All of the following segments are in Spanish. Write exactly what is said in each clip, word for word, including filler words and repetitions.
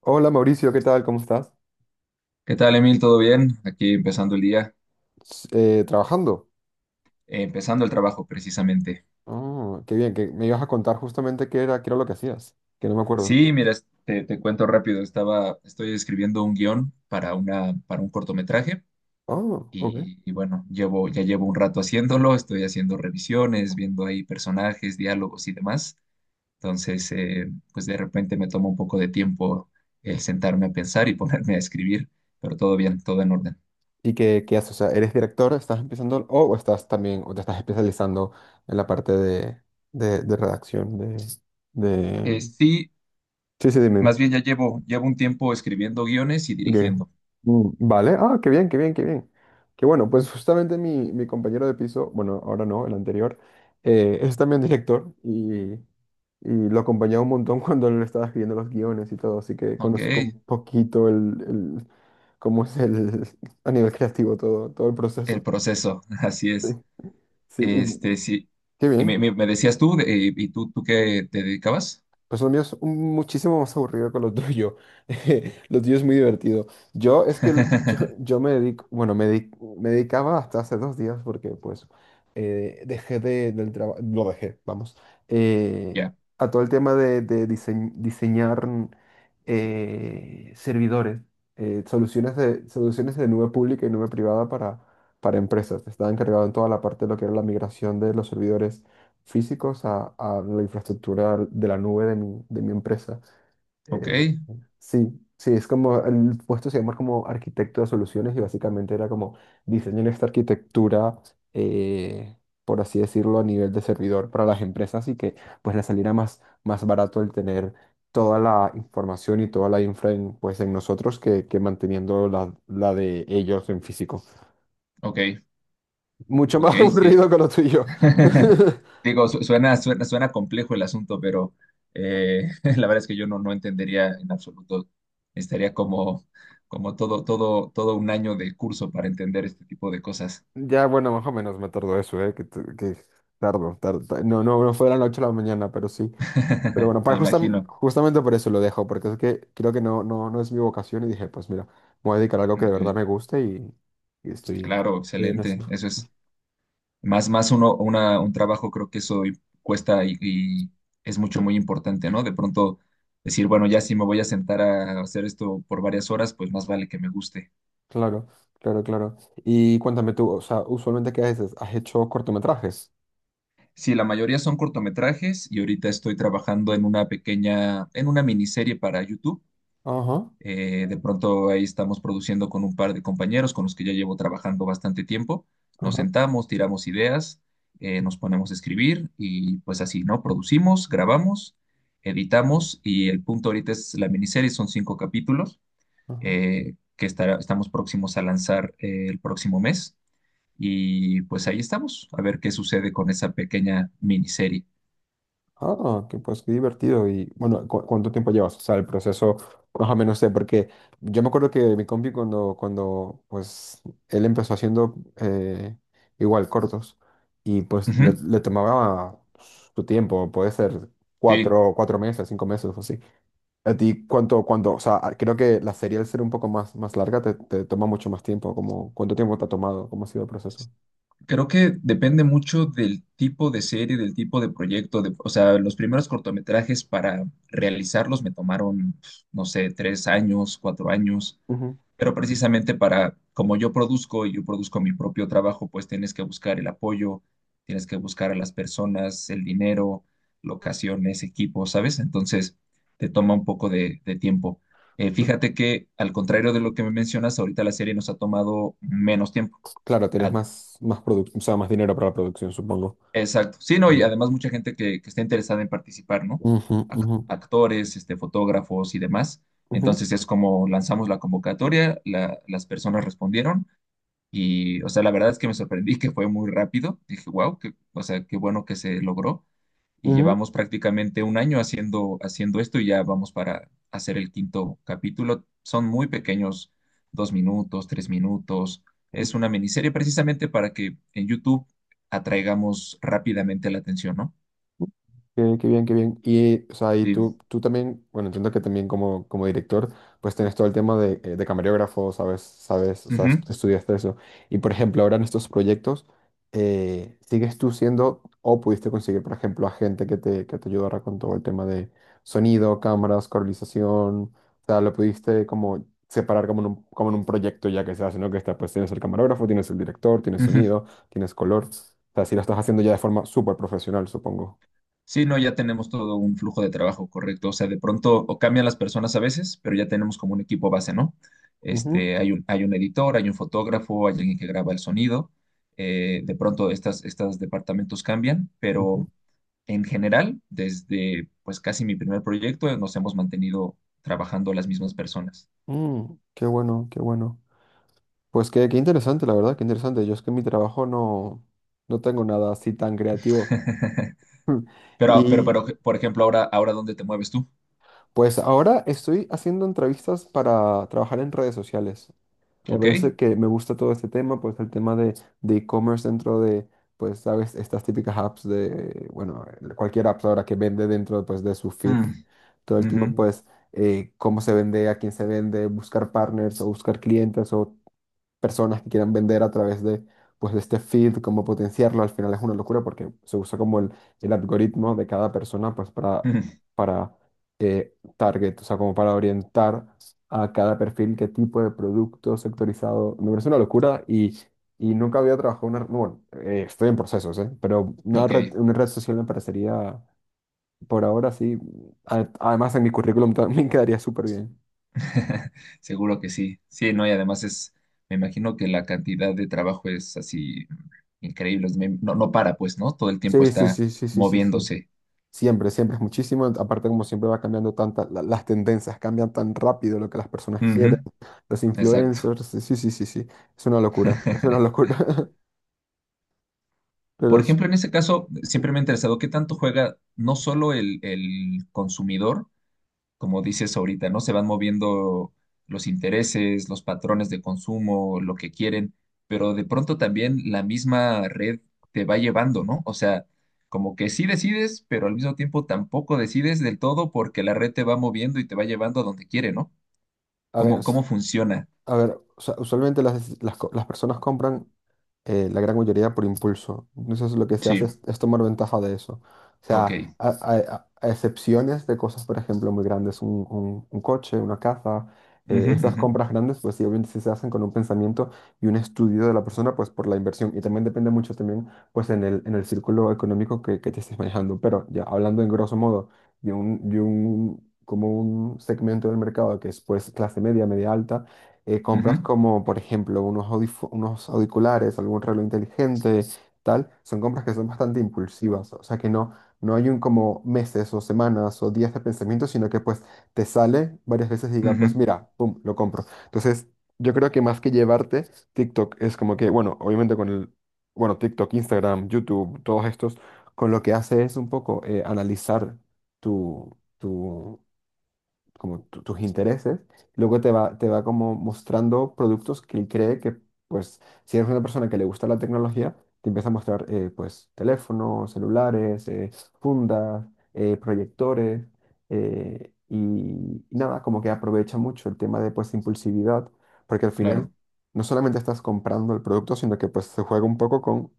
Hola Mauricio, ¿qué tal? ¿Cómo estás? ¿Qué tal, Emil? ¿Todo bien? Aquí empezando el día, S- eh, ¿trabajando? eh, empezando el trabajo precisamente. Oh, qué bien, que me ibas a contar justamente qué era, qué era lo que hacías, que no me acuerdo. Sí, mira, es- te, te cuento rápido, estaba, estoy escribiendo un guión para una, para un cortometraje Oh, ok. y, y bueno, llevo, ya llevo un rato haciéndolo, estoy haciendo revisiones, viendo ahí personajes, diálogos y demás. Entonces, eh, pues de repente me toma un poco de tiempo el sentarme a pensar y ponerme a escribir, pero todo bien, todo en orden. ¿Y qué, qué haces? O sea, ¿eres director? ¿Estás empezando? O o estás también, o te estás especializando en la parte de, de, de redacción, de, de... Eh, sí, Sí, sí, dime. más bien ya llevo, llevo un tiempo escribiendo guiones y Dime. Ok. dirigiendo. Mm, vale, ah, qué bien, qué bien, qué bien. Qué bueno, pues justamente mi, mi compañero de piso, bueno, ahora no, el anterior, eh, es también director y. Y lo acompañaba un montón cuando él estaba escribiendo los guiones y todo, así que Ok. conozco un poquito el, el- cómo es el, a nivel creativo todo, todo el El proceso. proceso, así Sí, es. sí, y Este, sí. qué Y me, bien. me- me decías tú, de- eh, ¿y tú, tú qué te dedicabas? Pues lo mío es un- muchísimo más aburrido que lo tuyo. Lo tuyo es muy divertido. Yo es que el- yo, yo me dedico, bueno, me, di- me dedicaba hasta hace dos días porque pues eh, dejé de, del trabajo, lo dejé, vamos, eh, Ya, a todo el tema de, de diseñ- diseñar eh, servidores, eh, soluciones de, soluciones de nube pública y nube privada para, para empresas. Estaba encargado en toda la parte de lo que era la migración de los servidores físicos a, a la infraestructura de la nube de mi, de mi empresa. ok, Eh, sí, sí, es como, el puesto se llama como arquitecto de soluciones y básicamente era como diseñar esta arquitectura, eh, por así decirlo, a nivel de servidor para las empresas y que pues les saliera más, más barato el tener toda la información y toda la infra en, pues en nosotros que, que manteniendo la, la de ellos en físico. ok, Mucho ok, más sí. aburrido que lo tuyo. Digo, su- suena, suena, suena complejo el asunto, pero eh, la verdad es que yo no, no entendería en absoluto. Estaría como, como todo, todo, todo un año de curso para entender este tipo de cosas. Ya, bueno, más o menos me tardó eso, ¿eh? Que, t- que tardo, tardo, ta- No, no, no fue a las ocho de la noche a la mañana, pero sí. Pero bueno, Me para justam- imagino. justamente por eso lo dejo, porque es que creo que no, no, no es mi vocación y dije, pues mira, me voy a dedicar a algo que de Ok, verdad me guste y, y estoy, claro, estoy en excelente. eso. Eso es. Más, más uno, una, un trabajo, creo que eso i- cuesta y, y es mucho, muy importante, ¿no? De pronto decir, bueno, ya si me voy a sentar a hacer esto por varias horas, pues más vale que me guste. Claro, claro, claro. Y cuéntame tú, o sea, usualmente ¿qué haces? ¿Has hecho cortometrajes? Sí, la mayoría son cortometrajes y ahorita estoy trabajando en una pequeña, en una miniserie para YouTube. Ajá, Eh, de pronto ahí estamos produciendo con un par de compañeros con los que ya llevo trabajando bastante tiempo. Nos ajá, sentamos, tiramos ideas, eh, nos ponemos a escribir y pues así, ¿no? Producimos, grabamos, editamos y el punto ahorita es la miniserie, son cinco capítulos ajá. eh, que estará- estamos próximos a lanzar eh, el próximo mes y pues ahí estamos, a ver qué sucede con esa pequeña miniserie. Ah, que pues qué divertido. Y bueno, ¿cu- cuánto tiempo llevas? O sea, el proceso, más o menos sé, porque yo me acuerdo que mi compi cuando, cuando pues él empezó haciendo eh, igual cortos y pues le, Ujú, le tomaba su tiempo, puede ser sí. cuatro, cuatro meses, cinco meses o así. ¿A ti cuánto, cuánto? O sea, creo que la serie al ser un poco más, más larga te, te toma mucho más tiempo. Como, ¿cuánto tiempo te ha tomado? ¿Cómo ha sido el proceso? Creo que depende mucho del tipo de serie, del tipo de proyecto. De- o sea, los primeros cortometrajes para realizarlos me tomaron, no sé, tres años, cuatro años, Ujú, pero precisamente para, como yo produzco y yo produzco mi propio trabajo, pues tienes que buscar el apoyo, tienes que buscar a las personas, el dinero, locaciones, equipos, ¿sabes? Entonces, te toma un poco de, de tiempo. Eh, claro. Fíjate que, al contrario de lo que me mencionas, ahorita la serie nos ha tomado menos tiempo. Claro, tienes A- más, más produc- o sea, más dinero para la producción, supongo. Exacto. Sí, no, y Mm. además mucha gente que, que está interesada en participar, ¿no? Ujú, Ac- ujú, Actores, este, fotógrafos y demás. ujú, Entonces es como lanzamos la convocatoria, la- las personas respondieron y, o sea, la verdad es que me sorprendí que fue muy rápido. Dije, wow, o sea, qué bueno que se logró y ujú. llevamos prácticamente un año haciendo, haciendo esto y ya vamos para hacer el quinto capítulo. Son muy pequeños, dos minutos, tres minutos. Es una miniserie precisamente para que en YouTube atraigamos rápidamente la atención, ¿no? Qué, qué bien, qué bien. Y, o sea, y Sí. tú, tú también, bueno, entiendo que también como, como director, pues tienes todo el tema de, eh, de camarógrafo, sabes, sabes, o sea, Ujú, est- estudiaste eso. Y, por ejemplo, ahora en estos proyectos, eh, ¿sigues tú siendo o pudiste conseguir, por ejemplo, a gente que te, que te ayudara con todo el tema de sonido, cámaras, colorización? O sea, lo pudiste como separar como en un, como en un proyecto ya que se hace, ¿no? Que está, pues tienes el camarógrafo, tienes el director, tienes ujú. sonido, tienes color. O sea, si lo estás haciendo ya de forma súper profesional, supongo. Sí, no, ya tenemos todo un flujo de trabajo correcto. O sea, de pronto o cambian las personas a veces, pero ya tenemos como un equipo base, ¿no? Este, hay un, hay un editor, hay un fotógrafo, hay alguien que graba el sonido. Eh, de pronto estas, estos departamentos cambian, pero Ujú. en general, desde pues casi mi primer proyecto, eh, nos hemos mantenido trabajando las mismas personas. Mm, qué bueno, qué bueno. Pues qué, qué interesante, la verdad, qué interesante. Yo es que en mi trabajo no, no tengo nada así tan creativo. Pero, pero, pero, Y por ejemplo, ahora, ahora, ¿dónde te mueves tú? pues ahora estoy haciendo entrevistas para trabajar en redes sociales. Me ¿Ok? parece que me gusta todo este tema, pues el tema de de e-commerce dentro de, pues, sabes, estas típicas apps de, bueno, cualquier app ahora que vende dentro, pues, de su feed. Mm, Todo el ujú, tema, pues, eh, cómo se vende, a quién se vende, buscar partners o buscar clientes o personas que quieran vender a través de, pues, de este feed, cómo potenciarlo, al final es una locura porque se usa como el, el algoritmo de cada persona pues, para, ujú, para eh, target, o sea, como para orientar a cada perfil qué tipo de producto sectorizado. Me parece una locura y, y nunca había trabajado una... no, Bueno, eh, estoy en procesos, ¿eh? Pero una ok. red, una red social me parecería, por ahora sí, a- además en mi currículum también quedaría súper bien. Seguro que sí. Sí, no, y además es, me imagino que la cantidad de trabajo es así increíble. es me- No, no para, pues, ¿no? Todo el tiempo Sí, sí, está sí, sí, sí, sí, sí. moviéndose. Siempre, siempre es muchísimo. Aparte, como siempre va cambiando tanta, la- las tendencias cambian tan rápido lo que las personas quieren, Ujú, los exacto. influencers. Sí, sí, sí, sí. Sí. Es una locura. Es una locura. Por Pero sí. ejemplo, en ese caso, Sí. siempre me ha interesado qué tanto juega no solo el, el consumidor, como dices ahorita, ¿no? Se van moviendo los intereses, los patrones de consumo, lo que quieren, pero de pronto también la misma red te va llevando, ¿no? O sea, como que sí decides, pero al mismo tiempo tampoco decides del todo porque la red te va moviendo y te va llevando a donde quiere, ¿no? A ver, ¿Cómo, s- cómo funciona? a ver, usa- usualmente las, las, co- las personas compran eh, la gran mayoría por impulso. Entonces lo que se Sí, hace es, es tomar ventaja de eso. O ok. sea, a, a- a excepciones de cosas, por ejemplo, muy grandes, un, un- un coche, una casa, eh, Ujú, estas ujú, compras grandes, pues sí, obviamente sí se hacen con un pensamiento y un estudio de la persona, pues por la inversión. Y también depende mucho también, pues en el, en el círculo económico que, que te estés manejando. Pero ya hablando en grosso modo de un, de un, como un segmento del mercado que es pues clase media, media alta eh, compras ujú, como, por ejemplo, unos audif- unos auriculares, algún reloj inteligente, tal, son compras que son bastante impulsivas, o sea que no, no hay un como meses o semanas o días de pensamiento, sino que pues te sale varias veces y diga, ujú, pues mira, pum, lo compro. Entonces, yo creo que más que llevarte, TikTok es como que, bueno, obviamente con el, bueno, TikTok, Instagram, YouTube, todos estos, con lo que hace es un poco eh, analizar tu... tu como tu- tus intereses, luego te va, te va como mostrando productos que él cree que, pues, si eres una persona que le gusta la tecnología, te empieza a mostrar, eh, pues, teléfonos, celulares, eh, fundas, eh, proyectores, eh, y, y nada, como que aprovecha mucho el tema de, pues, impulsividad, porque al final claro. no solamente estás comprando el producto, sino que, pues, se juega un poco con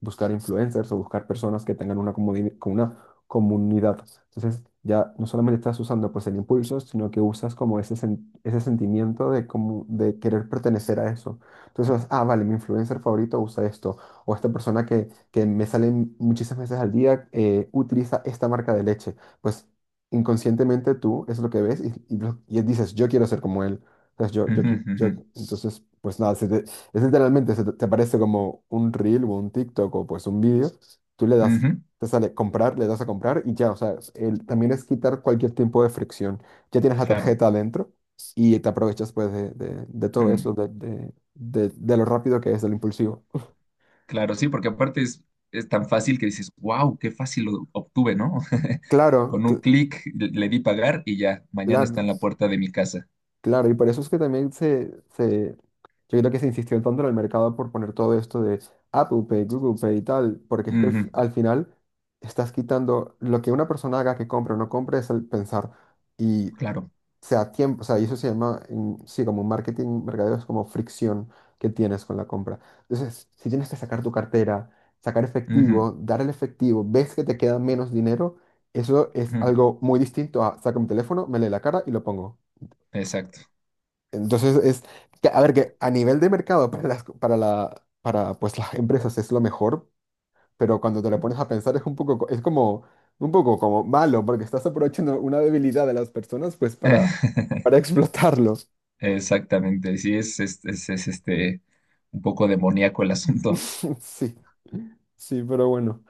buscar influencers o buscar personas que tengan una, comuni- con una comunidad. Entonces, ya no solamente estás usando pues el impulso, sino que usas como ese, sen- ese sentimiento de, como, de querer pertenecer a eso. Entonces, ah, vale, mi influencer favorito usa esto, o esta persona que, que me sale muchísimas veces al día eh, utiliza esta marca de leche. Pues inconscientemente tú es lo que ves y, y, lo- y dices, yo quiero ser como él. Entonces, yo, yo, Ujú, qui- yo, ujú, entonces, pues nada, se, es literalmente, se te te aparece como un reel o un TikTok o pues un vídeo, tú le das, ujú, te sale comprar, le das a comprar y ya, o sea, es- el- también es quitar cualquier tipo de fricción. Ya tienes la claro. tarjeta adentro y te aprovechas pues de, de- de todo eso, Mm, de, de, de- de lo rápido que es, del impulsivo. claro, sí, porque aparte es, es tan fácil que dices, wow, qué fácil lo obtuve, ¿no? Claro, Con un cl- clic le di pagar y ya, mañana está claro. en la puerta de mi casa. Claro, y por eso es que también se, se, yo creo que se insistió tanto en el mercado por poner todo esto de Apple Pay, Google Pay y tal, porque es que al, fi- Ujú, al final estás quitando lo que una persona haga que compre o no compre es el pensar y claro. sea tiempo, o sea, y eso se llama, en- sí, como marketing, mercadeo es como fricción que tienes con la compra. Entonces, si tienes que sacar tu cartera, sacar Ujú, efectivo, dar el efectivo, ves que te queda menos dinero, eso es ujú, algo muy distinto a saca mi teléfono, me lee la cara y lo pongo. exacto. Entonces es, que- a ver, que a nivel de mercado para las, para la, para pues las empresas es lo mejor, pero cuando te lo pones a pensar es un poco, co- es como, un poco como malo, porque estás aprovechando una debilidad de las personas pues para, para explotarlos. Exactamente. Sí, es, es, es- es, este un poco demoníaco el asunto. Sí, sí, pero bueno.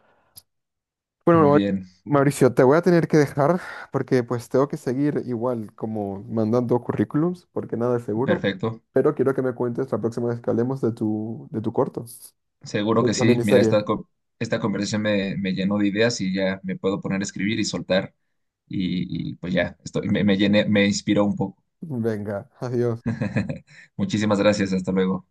Bueno, Muy Mau- bien, Mauricio, te voy a tener que dejar porque pues tengo que seguir igual como mandando currículums, porque nada es seguro, perfecto. pero quiero que me cuentes la próxima vez que hablemos de tu, de tu corto, Seguro de que la sí. Mira, miniserie. esta, co- esta conversación me, me llenó de ideas y ya me puedo poner a escribir y soltar. Y, y, pues ya, estoy, me, me llené, me inspiró un poco. Venga, adiós. Muchísimas gracias. Hasta luego.